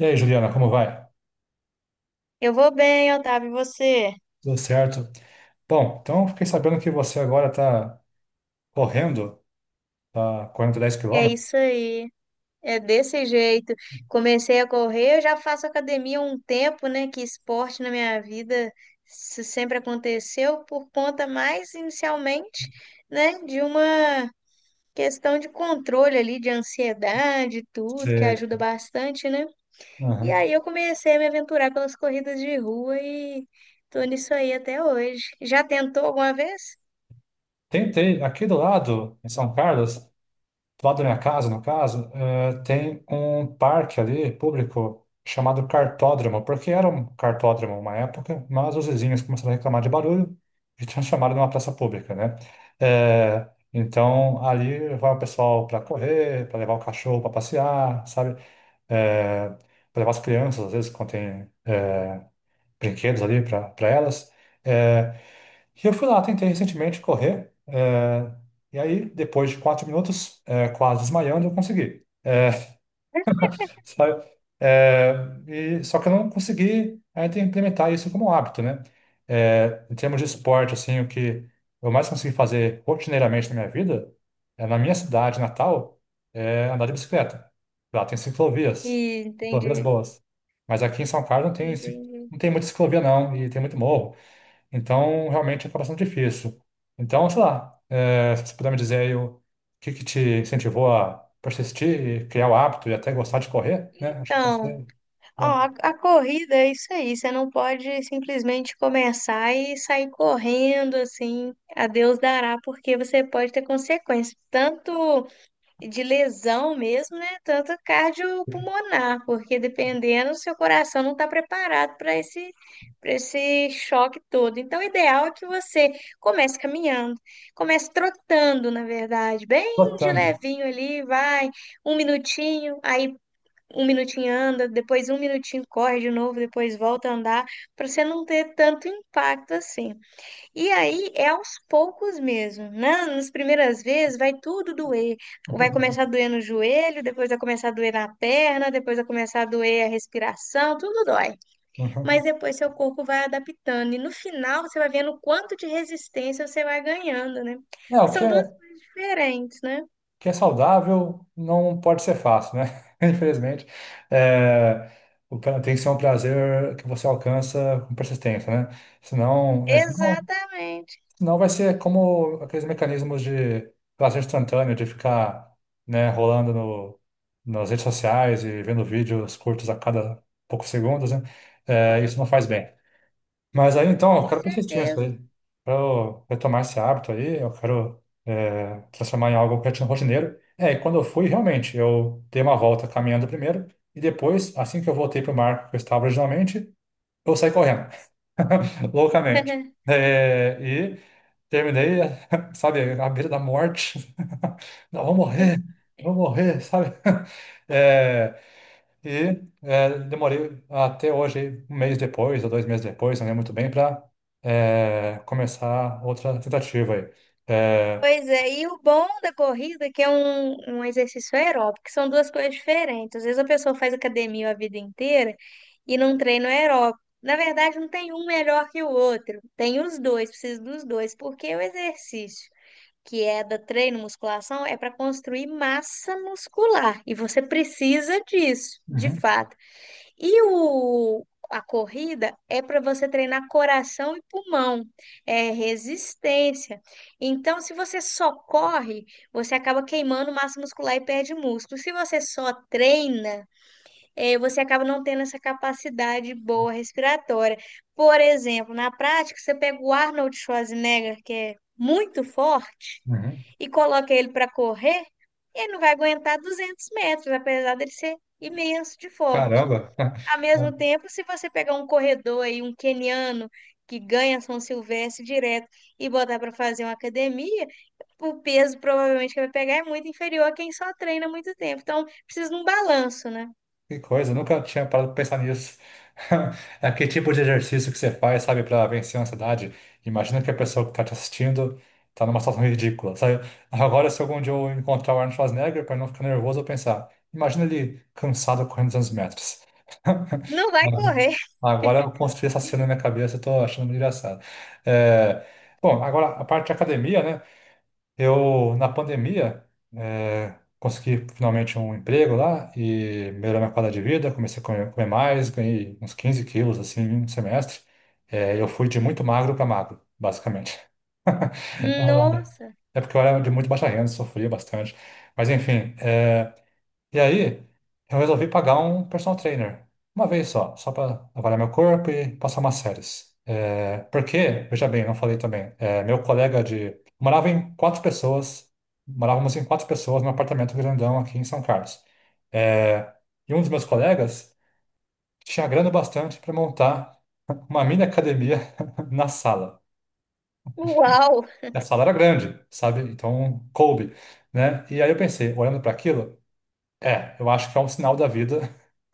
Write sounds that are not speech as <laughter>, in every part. E aí, Juliana, como vai? Eu vou bem, Otávio, e você? Tudo certo? Bom, então fiquei sabendo que você agora está correndo, tá correndo 10 É quilômetros. isso aí. É desse jeito. Comecei a correr, eu já faço academia há um tempo, né? Que esporte na minha vida isso sempre aconteceu por conta mais inicialmente, né, de uma questão de controle ali, de ansiedade, e tudo, que Você... ajuda bastante, né? E Uhum. aí eu comecei a me aventurar pelas corridas de rua e tô nisso aí até hoje. Já tentou alguma vez? Aqui do lado, em São Carlos, do lado da minha casa, no caso, tem um parque ali, público, chamado Cartódromo, porque era um cartódromo uma época, mas os vizinhos começaram a reclamar de barulho e transformaram <laughs> numa praça pública, né? Eh, então, ali vai o pessoal para correr, para levar o cachorro para passear, sabe? Para levar as crianças, às vezes, quando tem brinquedos ali para elas. Eh, e eu fui lá, tentei recentemente correr, e aí, depois de 4 minutos, quase desmaiando, eu consegui. Sabe? É, e só que eu não consegui ainda implementar isso como hábito, né? Em termos de esporte, assim, o que eu mais consegui fazer rotineiramente na minha vida, na minha cidade natal, é andar de bicicleta. Lá tem ciclovias, E ciclovias entendi. boas. Mas aqui em São Carlos não tem, ci- Entendi. não tem muita ciclovia, não, e tem muito morro. Então, realmente acaba sendo difícil. Então, sei lá, se você puder me dizer aí o que que te incentivou a persistir e criar o hábito e até gostar de correr, né? Acho que pode Então, ser ó, bom. a corrida é isso aí, você não pode simplesmente começar e sair correndo assim, a Deus dará, porque você pode ter consequências, tanto de lesão mesmo, né? Tanto cardiopulmonar, porque dependendo, seu coração não está preparado para esse choque todo. Então, o ideal é que você comece caminhando, comece trotando, na verdade, bem de Trotando. levinho ali, vai um minutinho, aí um minutinho anda, depois um minutinho corre de novo, depois volta a andar, para você não ter tanto impacto assim. E aí é aos poucos mesmo, né? Nas primeiras vezes vai tudo doer. Vai começar a <laughs> doer no joelho, depois vai começar a doer na perna, depois vai começar a doer a respiração, tudo dói. Mas Uhum. depois seu corpo vai adaptando e no final você vai vendo o quanto de resistência você vai ganhando, né? É, Porque o que são é, duas o coisas diferentes, né? que é saudável não pode ser fácil, né? <laughs> Infelizmente. É, Tem que ser um prazer que você alcança com persistência, né? Senão, é, senão Exatamente, Senão vai ser como aqueles mecanismos de prazer instantâneo, de ficar, né, rolando no, nas redes sociais e vendo vídeos curtos a cada poucos segundos, né? Isso não faz bem. Mas aí então, eu com quero persistir nisso certeza. aí. Quero retomar esse hábito aí, eu quero transformar em algo rotineiro. E quando eu fui, realmente, eu dei uma volta caminhando primeiro e depois, assim que eu voltei para o marco que eu estava originalmente, eu saí correndo <laughs> loucamente. <laughs> E terminei, <laughs> sabe, à beira da morte. <laughs> Não, vou morrer, sabe? <laughs> É, Demorei até hoje, um mês depois, ou 2 meses depois, não lembro muito bem, para começar outra tentativa aí. É, Pois é, e o bom da corrida é que é um exercício aeróbico, que são duas coisas diferentes. Às vezes a pessoa faz academia a vida inteira e não treina aeróbico. Na verdade, não tem um melhor que o outro. Tem os dois, precisa dos dois, porque o exercício, que é da treino musculação, é para construir massa muscular e você precisa disso, de uhum, fato. E o, a corrida é para você treinar coração e pulmão, é resistência. Então, se você só corre, você acaba queimando massa muscular e perde músculo. Se você só treina, você acaba não tendo essa capacidade boa respiratória. Por exemplo, na prática, você pega o Arnold Schwarzenegger, que é muito forte, uhum. e coloca ele para correr, ele não vai aguentar 200 metros, apesar dele ser imenso de forte. Caramba! Ao mesmo <laughs> tempo, se você pegar um corredor aí, um queniano que ganha São Silvestre direto e botar para fazer uma academia, o peso provavelmente que vai pegar é muito inferior a quem só treina há muito tempo. Então, precisa de um balanço, né? Que coisa, eu nunca tinha parado pra pensar nisso. <laughs> É que tipo de exercício que você faz, sabe, pra vencer a ansiedade? Imagina que a pessoa que tá te assistindo tá numa situação ridícula, sabe? <laughs> Agora, se algum dia eu encontrar o Arnold Schwarzenegger, pra não ficar nervoso, eu pensar, imagina ele cansado correndo 200 metros. Não vai <laughs> correr. Agora eu construí essa cena na minha cabeça, eu tô achando muito engraçado. É, Bom, agora a parte de academia, né? Eu, na pandemia, consegui finalmente um emprego lá e melhorou minha qualidade de vida, comecei a comer, comer mais, ganhei uns 15 quilos, assim, em um semestre. Eu fui de muito magro para magro, basicamente. <laughs> <laughs> Nossa, É porque eu era de muito baixa renda, sofria bastante. Mas, enfim, e aí, eu resolvi pagar um personal trainer. Uma vez só, só para avaliar meu corpo e passar umas séries. Porque, veja bem, não falei também, meu colega de. Morava em 4 pessoas, morávamos em 4 pessoas num apartamento grandão aqui em São Carlos. É, e um dos meus colegas tinha grana bastante para montar uma mini academia <laughs> na sala. uau! E a sala era grande, sabe? Então coube, né? E aí eu pensei, olhando para aquilo. Eu acho que é um sinal da vida.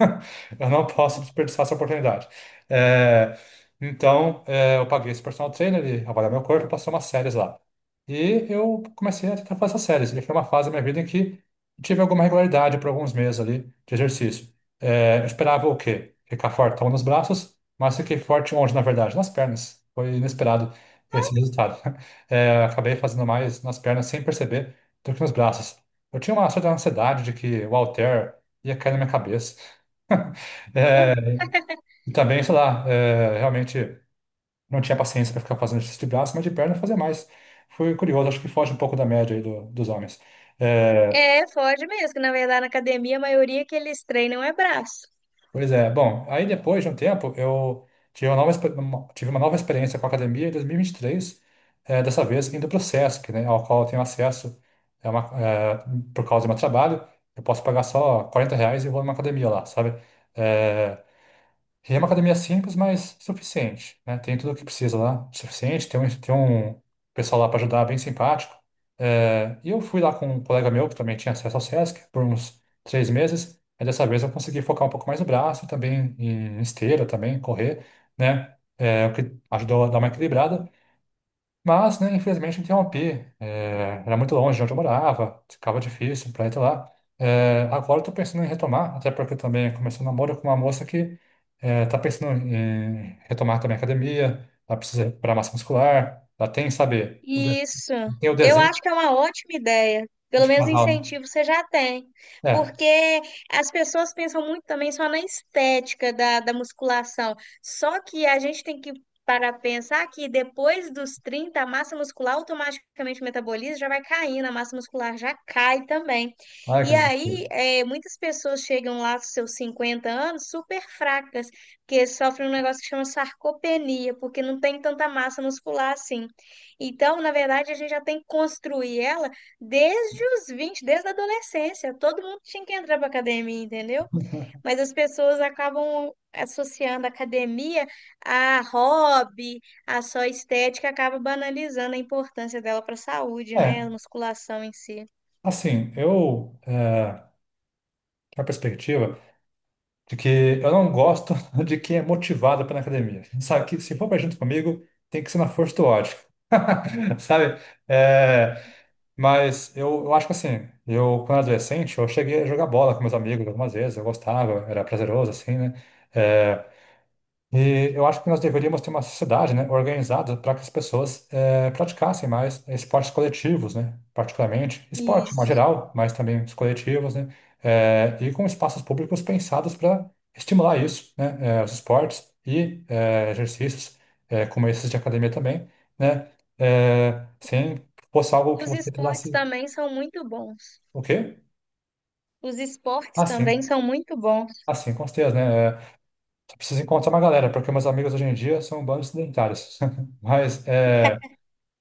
<laughs> Eu não posso desperdiçar essa oportunidade. É, então, eu paguei esse personal trainer, ele avaliou meu corpo, passou umas séries lá. E eu comecei a tentar fazer essas séries. E foi uma fase da minha vida em que tive alguma regularidade por alguns meses ali de exercício. Eu esperava o quê? Ficar fortão nos braços, mas fiquei forte onde, na verdade? Nas pernas. Foi inesperado esse resultado. <laughs> Acabei fazendo mais nas pernas sem perceber do que nos braços. Eu tinha uma certa ansiedade de que o Altair ia cair na minha cabeça. <laughs> É, e também, sei lá, realmente não tinha paciência para ficar fazendo exercício de braço, mas de perna eu fazia mais. Foi curioso, acho que foge um pouco da média aí dos homens. É, É, foge mesmo, que na verdade na academia a maioria que eles treinam é braço. Pois é, bom, aí depois de um tempo eu tive uma nova experiência com a academia em 2023, dessa vez indo para o Sesc, né, ao qual eu tenho acesso é uma- é, por causa do meu trabalho. Eu posso pagar só R$ 40 e vou numa academia lá, sabe? É, E é uma academia simples, mas suficiente, né? Tem tudo o que precisa lá, suficiente. Tem um pessoal lá para ajudar, bem simpático. E eu fui lá com um colega meu, que também tinha acesso ao SESC, por uns 3 meses. Aí dessa vez eu consegui focar um pouco mais no braço, e também em esteira, também correr, né? O que ajudou a dar uma equilibrada. Mas, né, infelizmente, não tinha um AP. Era muito longe de onde eu morava, ficava difícil para ir até lá. Agora eu tô pensando em retomar, até porque eu também comecei um namoro com uma moça que tá pensando em retomar também a academia, ela precisa recuperar massa muscular, ela tem, sabe, Isso. tem o Eu desenho acho que é uma ótima ideia. Pelo de menos casal. incentivo você já tem. Né? Porque as pessoas pensam muito também só na estética da musculação. Só que a gente tem que parar para pensar que depois dos 30 a massa muscular automaticamente metaboliza, já vai caindo, a massa muscular já cai também. Ai, que E desespero. aí, muitas pessoas chegam lá aos seus 50 anos super fracas, porque sofrem um negócio que chama sarcopenia, porque não tem tanta massa muscular assim. Então, na verdade, a gente já tem que construir ela desde os 20 desde a adolescência. Todo mundo tinha que entrar para academia, entendeu? Mas as pessoas acabam associando a academia a hobby, a só estética, acaba banalizando a importância dela para a saúde, né? É, A musculação em si. assim, eu, tinha uma perspectiva de que eu não gosto <laughs> de quem é motivado para ir na academia. Sabe que se for pra junto comigo, tem que ser na força do ódio. <laughs> Sabe? É, mas eu acho que assim, eu quando era adolescente, eu cheguei a jogar bola com meus amigos algumas vezes, eu gostava, era prazeroso assim, né? É, e eu acho que nós deveríamos ter uma sociedade, né, organizada para que as pessoas praticassem mais esportes coletivos, né, particularmente esporte, em Isso. geral, mas também os coletivos, né, e com espaços públicos pensados para estimular isso, né, os esportes e exercícios como esses de academia também, né, sem que fosse algo que Os você esportes precisasse, também são muito bons. o quê? Os esportes Assim, também são muito bons. Com certeza, né, só precisa encontrar uma galera, porque meus amigos hoje em dia são um bando de sedentários, <laughs> mas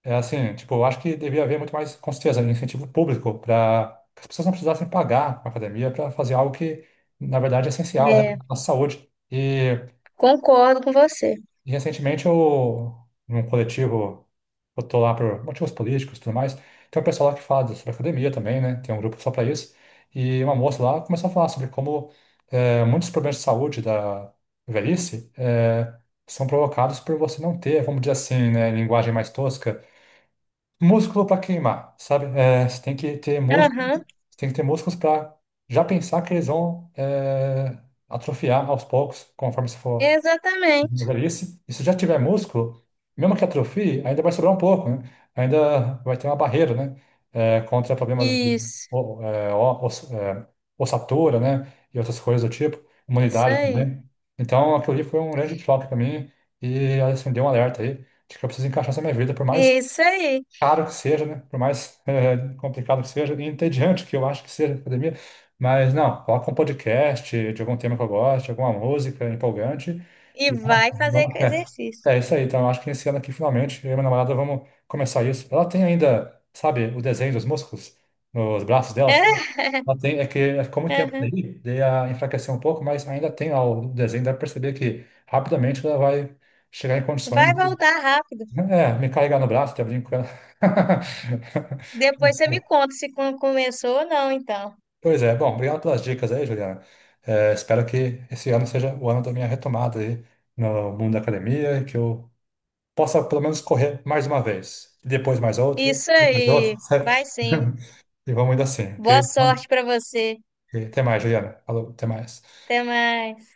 é assim, tipo, eu acho que devia haver muito mais, com certeza, incentivo público para que as pessoas não precisassem pagar a academia para fazer algo que, na verdade, é essencial, né, para É, a nossa saúde. E, concordo com você. e recentemente eu, num coletivo, eu tô lá por motivos políticos e tudo mais, tem um pessoal lá que fala sobre academia também, né, tem um grupo só para isso, e uma moça lá começou a falar sobre como muitos problemas de saúde da velhice são provocados por você não ter, vamos dizer assim, né, linguagem mais tosca, músculo para queimar, sabe? Você tem que ter músculos, Aham, você tem que ter músculos para já pensar que eles vão atrofiar aos poucos, conforme você for na exatamente. velhice. E se já tiver músculo, mesmo que atrofie, ainda vai sobrar um pouco, né? Ainda vai ter uma barreira, né? Contra problemas de Isso, o- é, o- oss- é, ossatura, né? E outras coisas do tipo, isso imunidade aí. também. Então, aquilo ali foi um grande choque para mim e acendeu um alerta aí de que eu preciso encaixar essa minha vida por mais Isso aí. caro que seja, né? Por mais <laughs> complicado que seja, e entediante que eu acho que seja a academia, mas não, coloca um podcast de algum tema que eu gosto, alguma música empolgante, E e vamos, vai fazer com vamos, exercício. é isso aí, então eu acho que esse ano aqui, finalmente, eu e minha namorada vamos começar isso. Ela tem ainda, sabe, o desenho dos músculos nos braços dela, sabe? É? Ela tem, é que é, ficou muito tempo Aham. daí a enfraqueceu um pouco, mas ainda tem lá o desenho, dá pra perceber que rapidamente ela vai chegar em condições. Vai voltar rápido. Me carregar no braço, tá brincando. Depois você me <laughs> conta se começou ou não, então. Pois é, bom, obrigado pelas dicas aí, Juliana. Espero que esse ano seja o ano da minha retomada aí no mundo da academia e que eu possa pelo menos correr mais uma vez, e depois mais outra, Isso depois aí. outra, <laughs> Vai sabe? sim. E vamos indo assim, ok? Boa Então, sorte para você. ok, até mais, Juliana. Falou, até mais. Até mais.